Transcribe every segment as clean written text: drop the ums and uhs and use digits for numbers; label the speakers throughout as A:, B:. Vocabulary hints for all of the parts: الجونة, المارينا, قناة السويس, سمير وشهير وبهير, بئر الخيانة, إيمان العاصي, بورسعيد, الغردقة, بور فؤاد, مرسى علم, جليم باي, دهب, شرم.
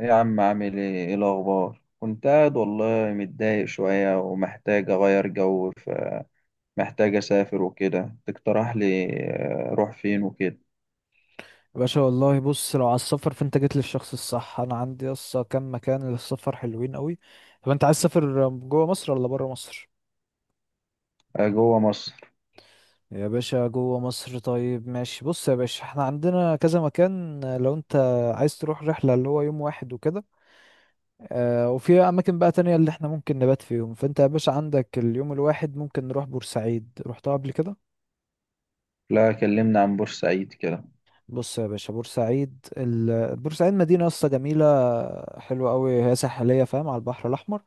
A: إيه يا عم عامل ايه الاخبار. كنت قاعد والله متضايق شوية ومحتاج اغير جو، فمحتاج اسافر وكده. تقترح لي اروح فين وكده.
B: باشا، والله بص، لو على السفر فانت جيت للشخص الصح. انا عندي يسطا كام مكان للسفر حلوين قوي. طب انت عايز تسافر جوه مصر ولا بره مصر؟
A: جوه مصر.
B: يا باشا جوه مصر، طيب ماشي. بص يا باشا، احنا عندنا كذا مكان. لو انت عايز تروح رحلة اللي هو يوم واحد وكده، اه، وفي اماكن بقى تانية اللي احنا ممكن نبات فيهم. فانت يا باشا عندك اليوم الواحد ممكن نروح بورسعيد. رحتها قبل كده؟
A: لا، كلمنا عن بورسعيد كده.
B: بص يا باشا، بورسعيد بورسعيد مدينة قصة جميلة، حلوة قوي، هي ساحلية، فاهم، على البحر الأحمر.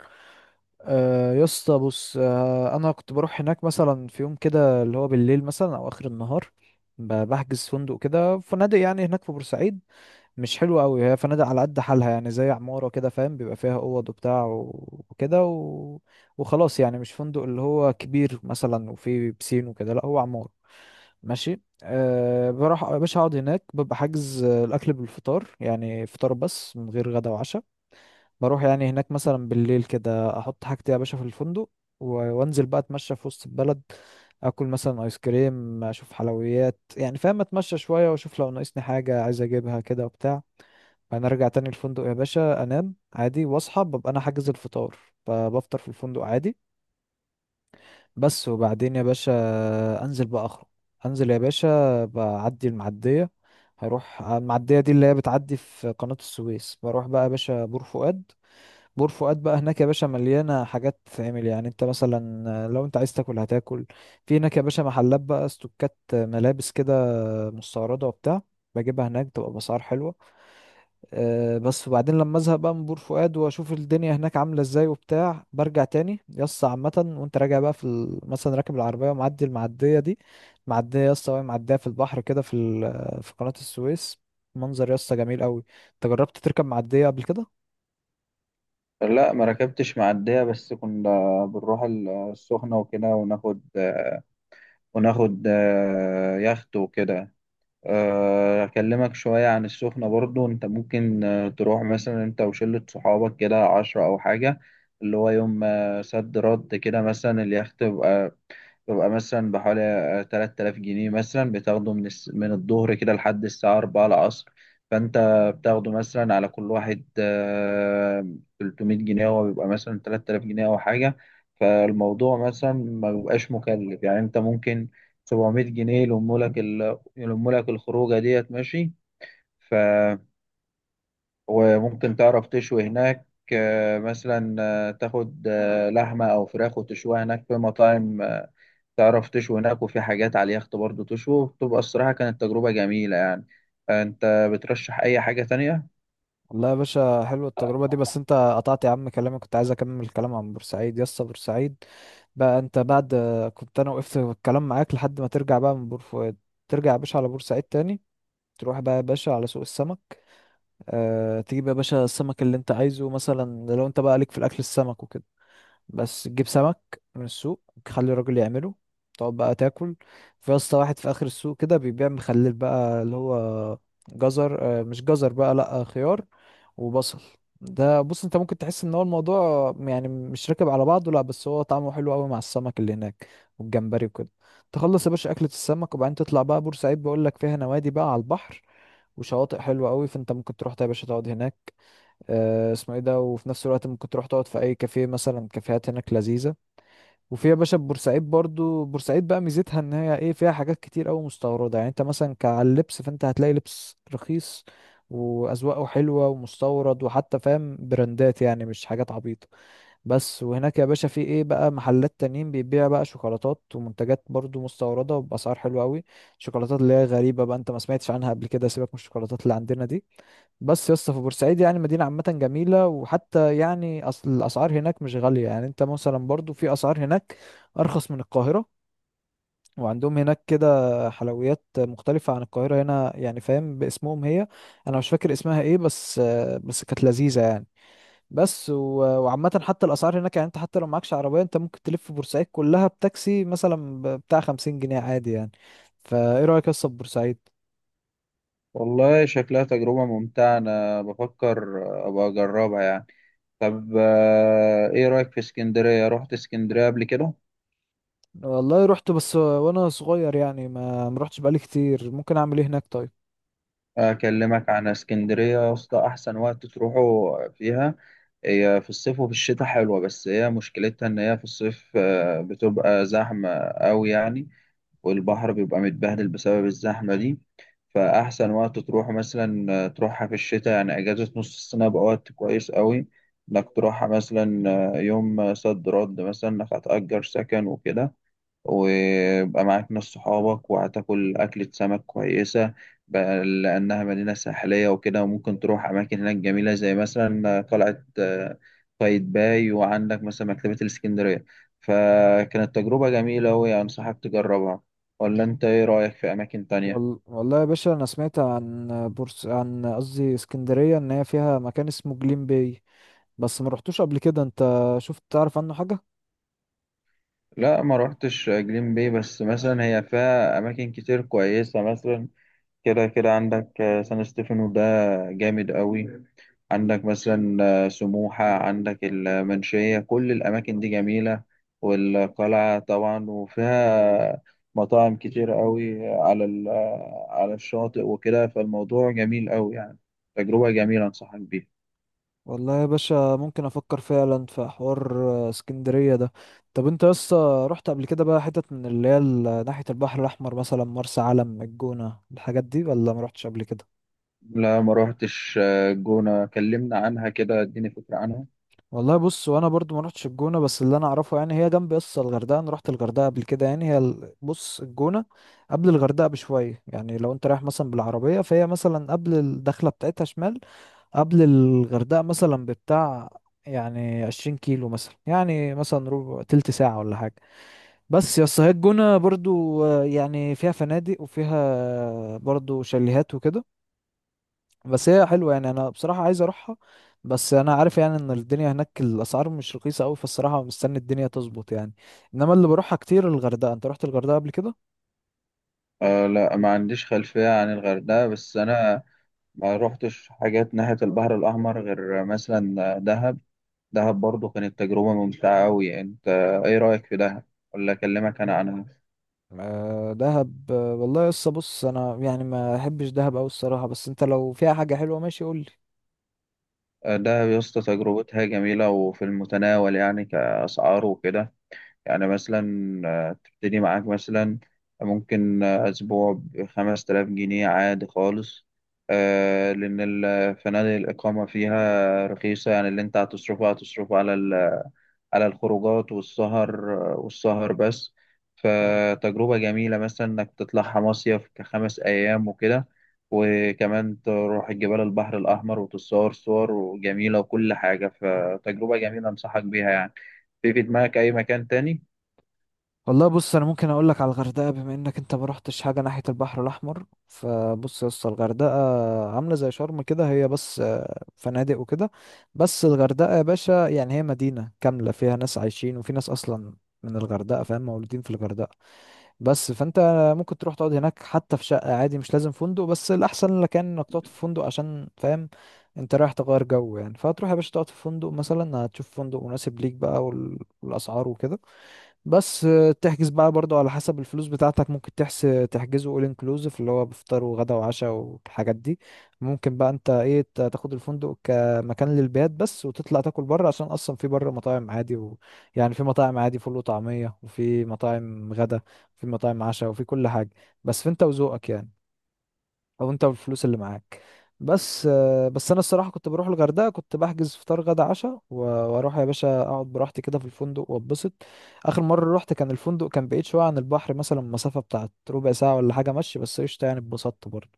B: يا اسطى بص، أنا كنت بروح هناك مثلا في يوم كده اللي هو بالليل مثلا أو آخر النهار. بحجز فندق كده، فنادق يعني هناك في بورسعيد، مش حلوة قوي هي، فنادق على قد حالها يعني، زي عمارة كده فاهم، بيبقى فيها أوض وبتاع وكده وخلاص يعني، مش فندق اللي هو كبير مثلا وفيه بسين وكده، لا هو عمارة. ماشي، أه بروح يا باشا اقعد هناك، ببقى حاجز الاكل بالفطار، يعني فطار بس من غير غدا وعشاء. بروح يعني هناك مثلا بالليل كده، احط حاجتي يا باشا في الفندق وانزل بقى اتمشى في وسط البلد، اكل مثلا ايس كريم، اشوف حلويات يعني فاهم، اتمشى شويه واشوف لو ناقصني حاجه عايز اجيبها كده وبتاع. بعدين ارجع تاني الفندق يا باشا، انام عادي واصحى، ببقى انا حاجز الفطار فبفطر في الفندق عادي. بس وبعدين يا باشا انزل بقى اخرج، انزل يا باشا بعدي المعدية. هروح المعدية دي اللي هي بتعدي في قناة السويس، بروح بقى يا باشا بور فؤاد. بور فؤاد بقى هناك يا باشا مليانة حاجات تتعمل، يعني انت مثلا لو انت عايز تاكل هتاكل، في هناك يا باشا محلات بقى استوكات ملابس كده مستوردة وبتاع، بجيبها هناك تبقى بأسعار حلوة. بس وبعدين لما ازهق بقى من بور فؤاد واشوف الدنيا هناك عامله ازاي وبتاع، برجع تاني يسطا عامه. وانت راجع بقى في مثلا راكب العربيه ومعدي المعديه دي، معديه يسطا، وهي معديه في البحر كده في في قناه السويس، منظر يسطا جميل قوي. انت جربت تركب معديه قبل كده؟
A: لا، ما ركبتش معدية، بس كنا بنروح السخنة وكده، وناخد آه، وناخد آه، يخت وكده. أكلمك شوية عن السخنة. برضو أنت ممكن تروح مثلا أنت وشلة صحابك كده 10 أو حاجة، اللي هو يوم صد رد كده. مثلا اليخت بيبقى ببقى مثلا بحوالي 3000 جنيه، مثلا بتاخده من من الظهر كده لحد الساعة 4 العصر. فأنت بتاخده مثلا على كل واحد 300 جنيه، هو بيبقى مثلا 3000 جنيه أو حاجة. فالموضوع مثلا ما بيبقاش مكلف، يعني أنت ممكن 700 جنيه يلمولك الخروجة ديت، ماشي. ف وممكن تعرف تشوي هناك. مثلا تاخد لحمة أو فراخ وتشويها هناك في مطاعم. تعرف تشوي هناك، وفي حاجات على اليخت برضه تشوي. بتبقى الصراحة كانت تجربة جميلة يعني. أنت بترشح أي حاجة تانية؟
B: والله يا باشا حلوة التجربة دي. بس انت قطعت يا عم كلامي، كنت عايز اكمل الكلام عن بورسعيد. يسطا بورسعيد بقى، انت بعد، كنت انا وقفت الكلام معاك لحد ما ترجع بقى من بور فؤاد. ترجع يا باشا على بورسعيد تاني، تروح بقى يا باشا على سوق السمك. أه، تجيب يا باشا السمك اللي انت عايزه، مثلا لو انت بقى ليك في الاكل السمك وكده بس، تجيب سمك من السوق، تخلي الراجل يعمله، تقعد بقى تاكل. في يا اسطى واحد في اخر السوق كده بيبيع مخلل بقى، اللي هو جزر، مش جزر بقى لا، خيار وبصل. ده بص انت ممكن تحس ان هو الموضوع يعني مش راكب على بعضه، لا بس هو طعمه حلو قوي مع السمك اللي هناك والجمبري وكده. تخلص يا باشا اكلة السمك وبعدين تطلع بقى بورسعيد. بقول لك فيها نوادي بقى على البحر وشواطئ حلوة قوي، فانت ممكن تروح يا باشا تقعد هناك. اسمه ايه ده، وفي نفس الوقت ممكن تروح تقعد في اي كافيه، مثلا كافيهات هناك لذيذه. وفي يا باشا بورسعيد برضو، بورسعيد بقى ميزتها ان هي ايه، فيها حاجات كتير قوي مستورده، يعني انت مثلا كعلى اللبس فانت هتلاقي لبس رخيص واذواقه حلوه ومستورد، وحتى فاهم براندات يعني، مش حاجات عبيطه. بس، وهناك يا باشا في ايه بقى، محلات تانيين بيبيع بقى شوكولاتات ومنتجات برضو مستوردة وبأسعار حلوة قوي، شوكولاتات اللي هي غريبة بقى انت ما سمعتش عنها قبل كده، سيبك من الشوكولاتات اللي عندنا دي. بس يا اسطى، في بورسعيد يعني مدينة عامة جميلة، وحتى يعني أصل الأسعار هناك مش غالية، يعني انت مثلا برضو في أسعار هناك أرخص من القاهرة. وعندهم هناك كده حلويات مختلفة عن القاهرة هنا يعني، فاهم، باسمهم هي، أنا مش فاكر اسمها ايه، بس كانت لذيذة يعني. بس، وعامة حتى الأسعار هناك يعني، أنت حتى لو معكش عربية أنت ممكن تلف بورسعيد كلها بتاكسي مثلا بتاع 50 جنيه عادي يعني. فإيه رأيك أصلا بورسعيد؟
A: والله شكلها تجربة ممتعة، أنا بفكر أبقى أجربها يعني. طب إيه رأيك في اسكندرية؟ رحت اسكندرية قبل كده؟
B: والله رحت، بس وأنا صغير يعني، ما رحتش بقالي كتير. ممكن أعمل إيه هناك طيب؟
A: أكلمك عن اسكندرية يا اسطى. أحسن وقت تروحوا فيها هي في الصيف، وفي الشتاء حلوة. بس هي مشكلتها إن هي في الصيف بتبقى زحمة أوي يعني، والبحر بيبقى متبهدل بسبب الزحمة دي. فأحسن وقت تروح مثلا تروحها في الشتاء، يعني أجازة نص السنة بقى وقت كويس قوي إنك تروحها. مثلا يوم صد رد، مثلا إنك هتأجر سكن وكده ويبقى معاك ناس صحابك، وهتاكل أكلة سمك كويسة بقى لأنها مدينة ساحلية وكده. وممكن تروح أماكن هناك جميلة، زي مثلا قلعة قايتباي، وعندك مثلا مكتبة الإسكندرية. فكانت تجربة جميلة وأنصحك تجربها. ولا أنت إيه رأيك في أماكن تانية؟
B: والله يا باشا، أنا سمعت عن بورس، عن قصدي اسكندرية، إن هي فيها مكان اسمه جليم باي، بس ما رحتوش قبل كده. أنت شفت، تعرف عنه حاجة؟
A: لا، ما روحتش جليم بي. بس مثلا هي فيها أماكن كتير كويسة، مثلا كده كده عندك سان ستيفانو ده جامد قوي. عندك مثلا سموحة، عندك المنشية، كل الأماكن دي جميلة، والقلعة طبعا. وفيها مطاعم كتير قوي على ال- آه، على الشاطئ وكده، فالموضوع جميل قوي يعني. تجربة جميلة أنصحك بيها.
B: والله يا باشا ممكن افكر فعلا في حوار اسكندريه ده. طب انت لسه رحت قبل كده بقى حتت من اللي هي ناحيه البحر الاحمر، مثلا مرسى علم، الجونه، الحاجات دي، ولا ما رحتش قبل كده؟
A: لا، ما روحتش الجونة. كلمنا عنها كده، اديني فكرة عنها.
B: والله بص، وانا برضو ما رحتش الجونه، بس اللي انا اعرفه يعني هي جنب لسه الغردقه. انا رحت الغردقه قبل كده. يعني هي بص، الجونه قبل الغردقه بشويه، يعني لو انت رايح مثلا بالعربيه فهي مثلا قبل الدخله بتاعتها شمال، قبل الغردقه مثلا بتاع يعني 20 كيلو مثلا، يعني مثلا ربع تلت ساعة ولا حاجة. بس يا اسطى، هي الجونة برضو يعني فيها فنادق وفيها برضو شاليهات وكده، بس هي حلوة يعني، انا بصراحة عايز اروحها، بس انا عارف يعني ان الدنيا هناك الاسعار مش رخيصة قوي، فالصراحة مستني الدنيا تظبط يعني. انما اللي بروحها كتير الغردقة. انت رحت الغردقة قبل كده؟
A: آه، لا، ما عنديش خلفية عن الغردقة. بس أنا ما روحتش حاجات ناحية البحر الأحمر غير مثلا دهب. دهب برضو كانت تجربة ممتعة أوي يعني. أنت إيه رأيك في دهب؟ ولا أكلمك أنا عنها؟
B: آه، دهب، والله يا اسطى بص، انا يعني ما احبش دهب قوي الصراحة. بس انت لو فيها حاجة حلوة ماشي قول لي.
A: دهب يا اسطى تجربتها جميلة، وفي المتناول يعني كأسعار وكده. يعني مثلا تبتدي معاك مثلا ممكن أسبوع بـ5000 جنيه عادي خالص، لأن الفنادق الإقامة فيها رخيصة. يعني اللي أنت هتصرفه هتصرفه على الخروجات والسهر بس. فتجربة جميلة مثلا إنك تطلعها مصيف كـ5 أيام وكده، وكمان تروح الجبال البحر الأحمر وتتصور صور جميلة وكل حاجة. فتجربة جميلة أنصحك بيها يعني. في دماغك أي مكان تاني؟
B: والله بص، انا ممكن اقول لك على الغردقه، بما انك انت ما رحتش حاجه ناحيه البحر الاحمر. فبص يا اسطى، الغردقه عامله زي شرم كده، هي بس فنادق وكده. بس الغردقه يا باشا يعني هي مدينه كامله فيها ناس عايشين، وفي ناس اصلا من الغردقه، فاهم، مولودين في الغردقه. بس فانت ممكن تروح تقعد هناك حتى في شقه عادي، مش لازم فندق، بس الاحسن لك يعني انك تقعد في فندق، عشان فاهم انت رايح تغير جو يعني. فهتروح يا باشا تقعد في فندق مثلا، هتشوف فندق مناسب ليك بقى والاسعار وكده. بس تحجز بقى برضو على حسب الفلوس بتاعتك، ممكن تحس تحجزه all inclusive اللي هو بفطار وغدا وعشاء والحاجات دي، ممكن بقى انت ايه تاخد الفندق كمكان للبيات بس، وتطلع تاكل بره، عشان اصلا في بره مطاعم عادي يعني في مطاعم عادي فول وطعمية، وفي مطاعم غدا وفي مطاعم عشاء وفي كل حاجة، بس في انت وذوقك يعني، او انت بالفلوس اللي معاك. بس بس انا الصراحه كنت بروح الغردقه كنت بحجز فطار غدا عشاء واروح يا باشا اقعد براحتي كده في الفندق واتبسط. اخر مره رحت كان الفندق كان بعيد شويه عن البحر، مثلا مسافه بتاعت ربع ساعه ولا حاجه مشي، بس قشطه يعني اتبسطت برضه.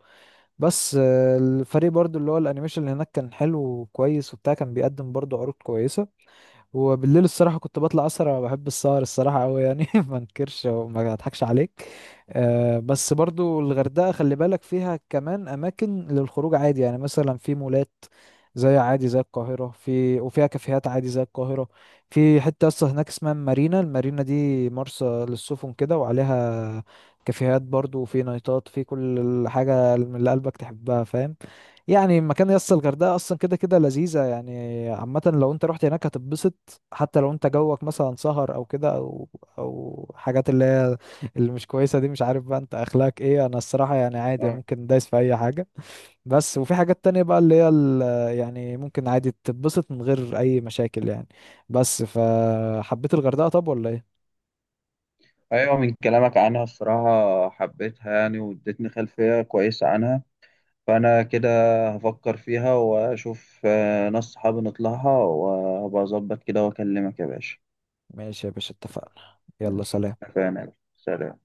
B: بس الفريق برضه اللي هو الانيميشن اللي هناك كان حلو وكويس وبتاع، كان بيقدم برضه عروض كويسه. وبالليل الصراحة كنت بطلع أسهر، أنا بحب السهر الصراحة أوي يعني. ما انكرش وما اضحكش عليك. أه، بس برضو الغردقة خلي بالك فيها كمان أماكن للخروج عادي يعني، مثلا في مولات زي عادي زي القاهرة، في وفيها كافيهات عادي زي القاهرة. في حتة أصلا هناك اسمها مارينا، المارينا دي مرسى للسفن كده، وعليها كافيهات برضو، وفي نايتات، في كل حاجة اللي قلبك تحبها فاهم يعني. مكان، يس الغردقة أصلا كده كده لذيذة يعني، عامة لو أنت رحت هناك هتتبسط، حتى لو انت جوك مثلا سهر او كده او او حاجات اللي هي اللي مش كويسه دي. مش عارف بقى انت اخلاقك ايه، انا الصراحه يعني عادي
A: آه.
B: ممكن دايس في اي حاجه. بس وفي حاجات تانية بقى اللي هي يعني ممكن عادي تتبسط من غير اي مشاكل يعني. بس فحبيت الغردقه، طب ولا ايه؟
A: أيوة، من كلامك عنها الصراحة حبيتها يعني، وادتني خلفية كويسة عنها. فأنا كده هفكر فيها وأشوف ناس صحابي نطلعها، وأبقى أظبط كده وأكلمك يا باشا.
B: ماشي يا باشا، اتفقنا. يلا
A: ماشي،
B: سلام.
A: اتفقنا، سلام.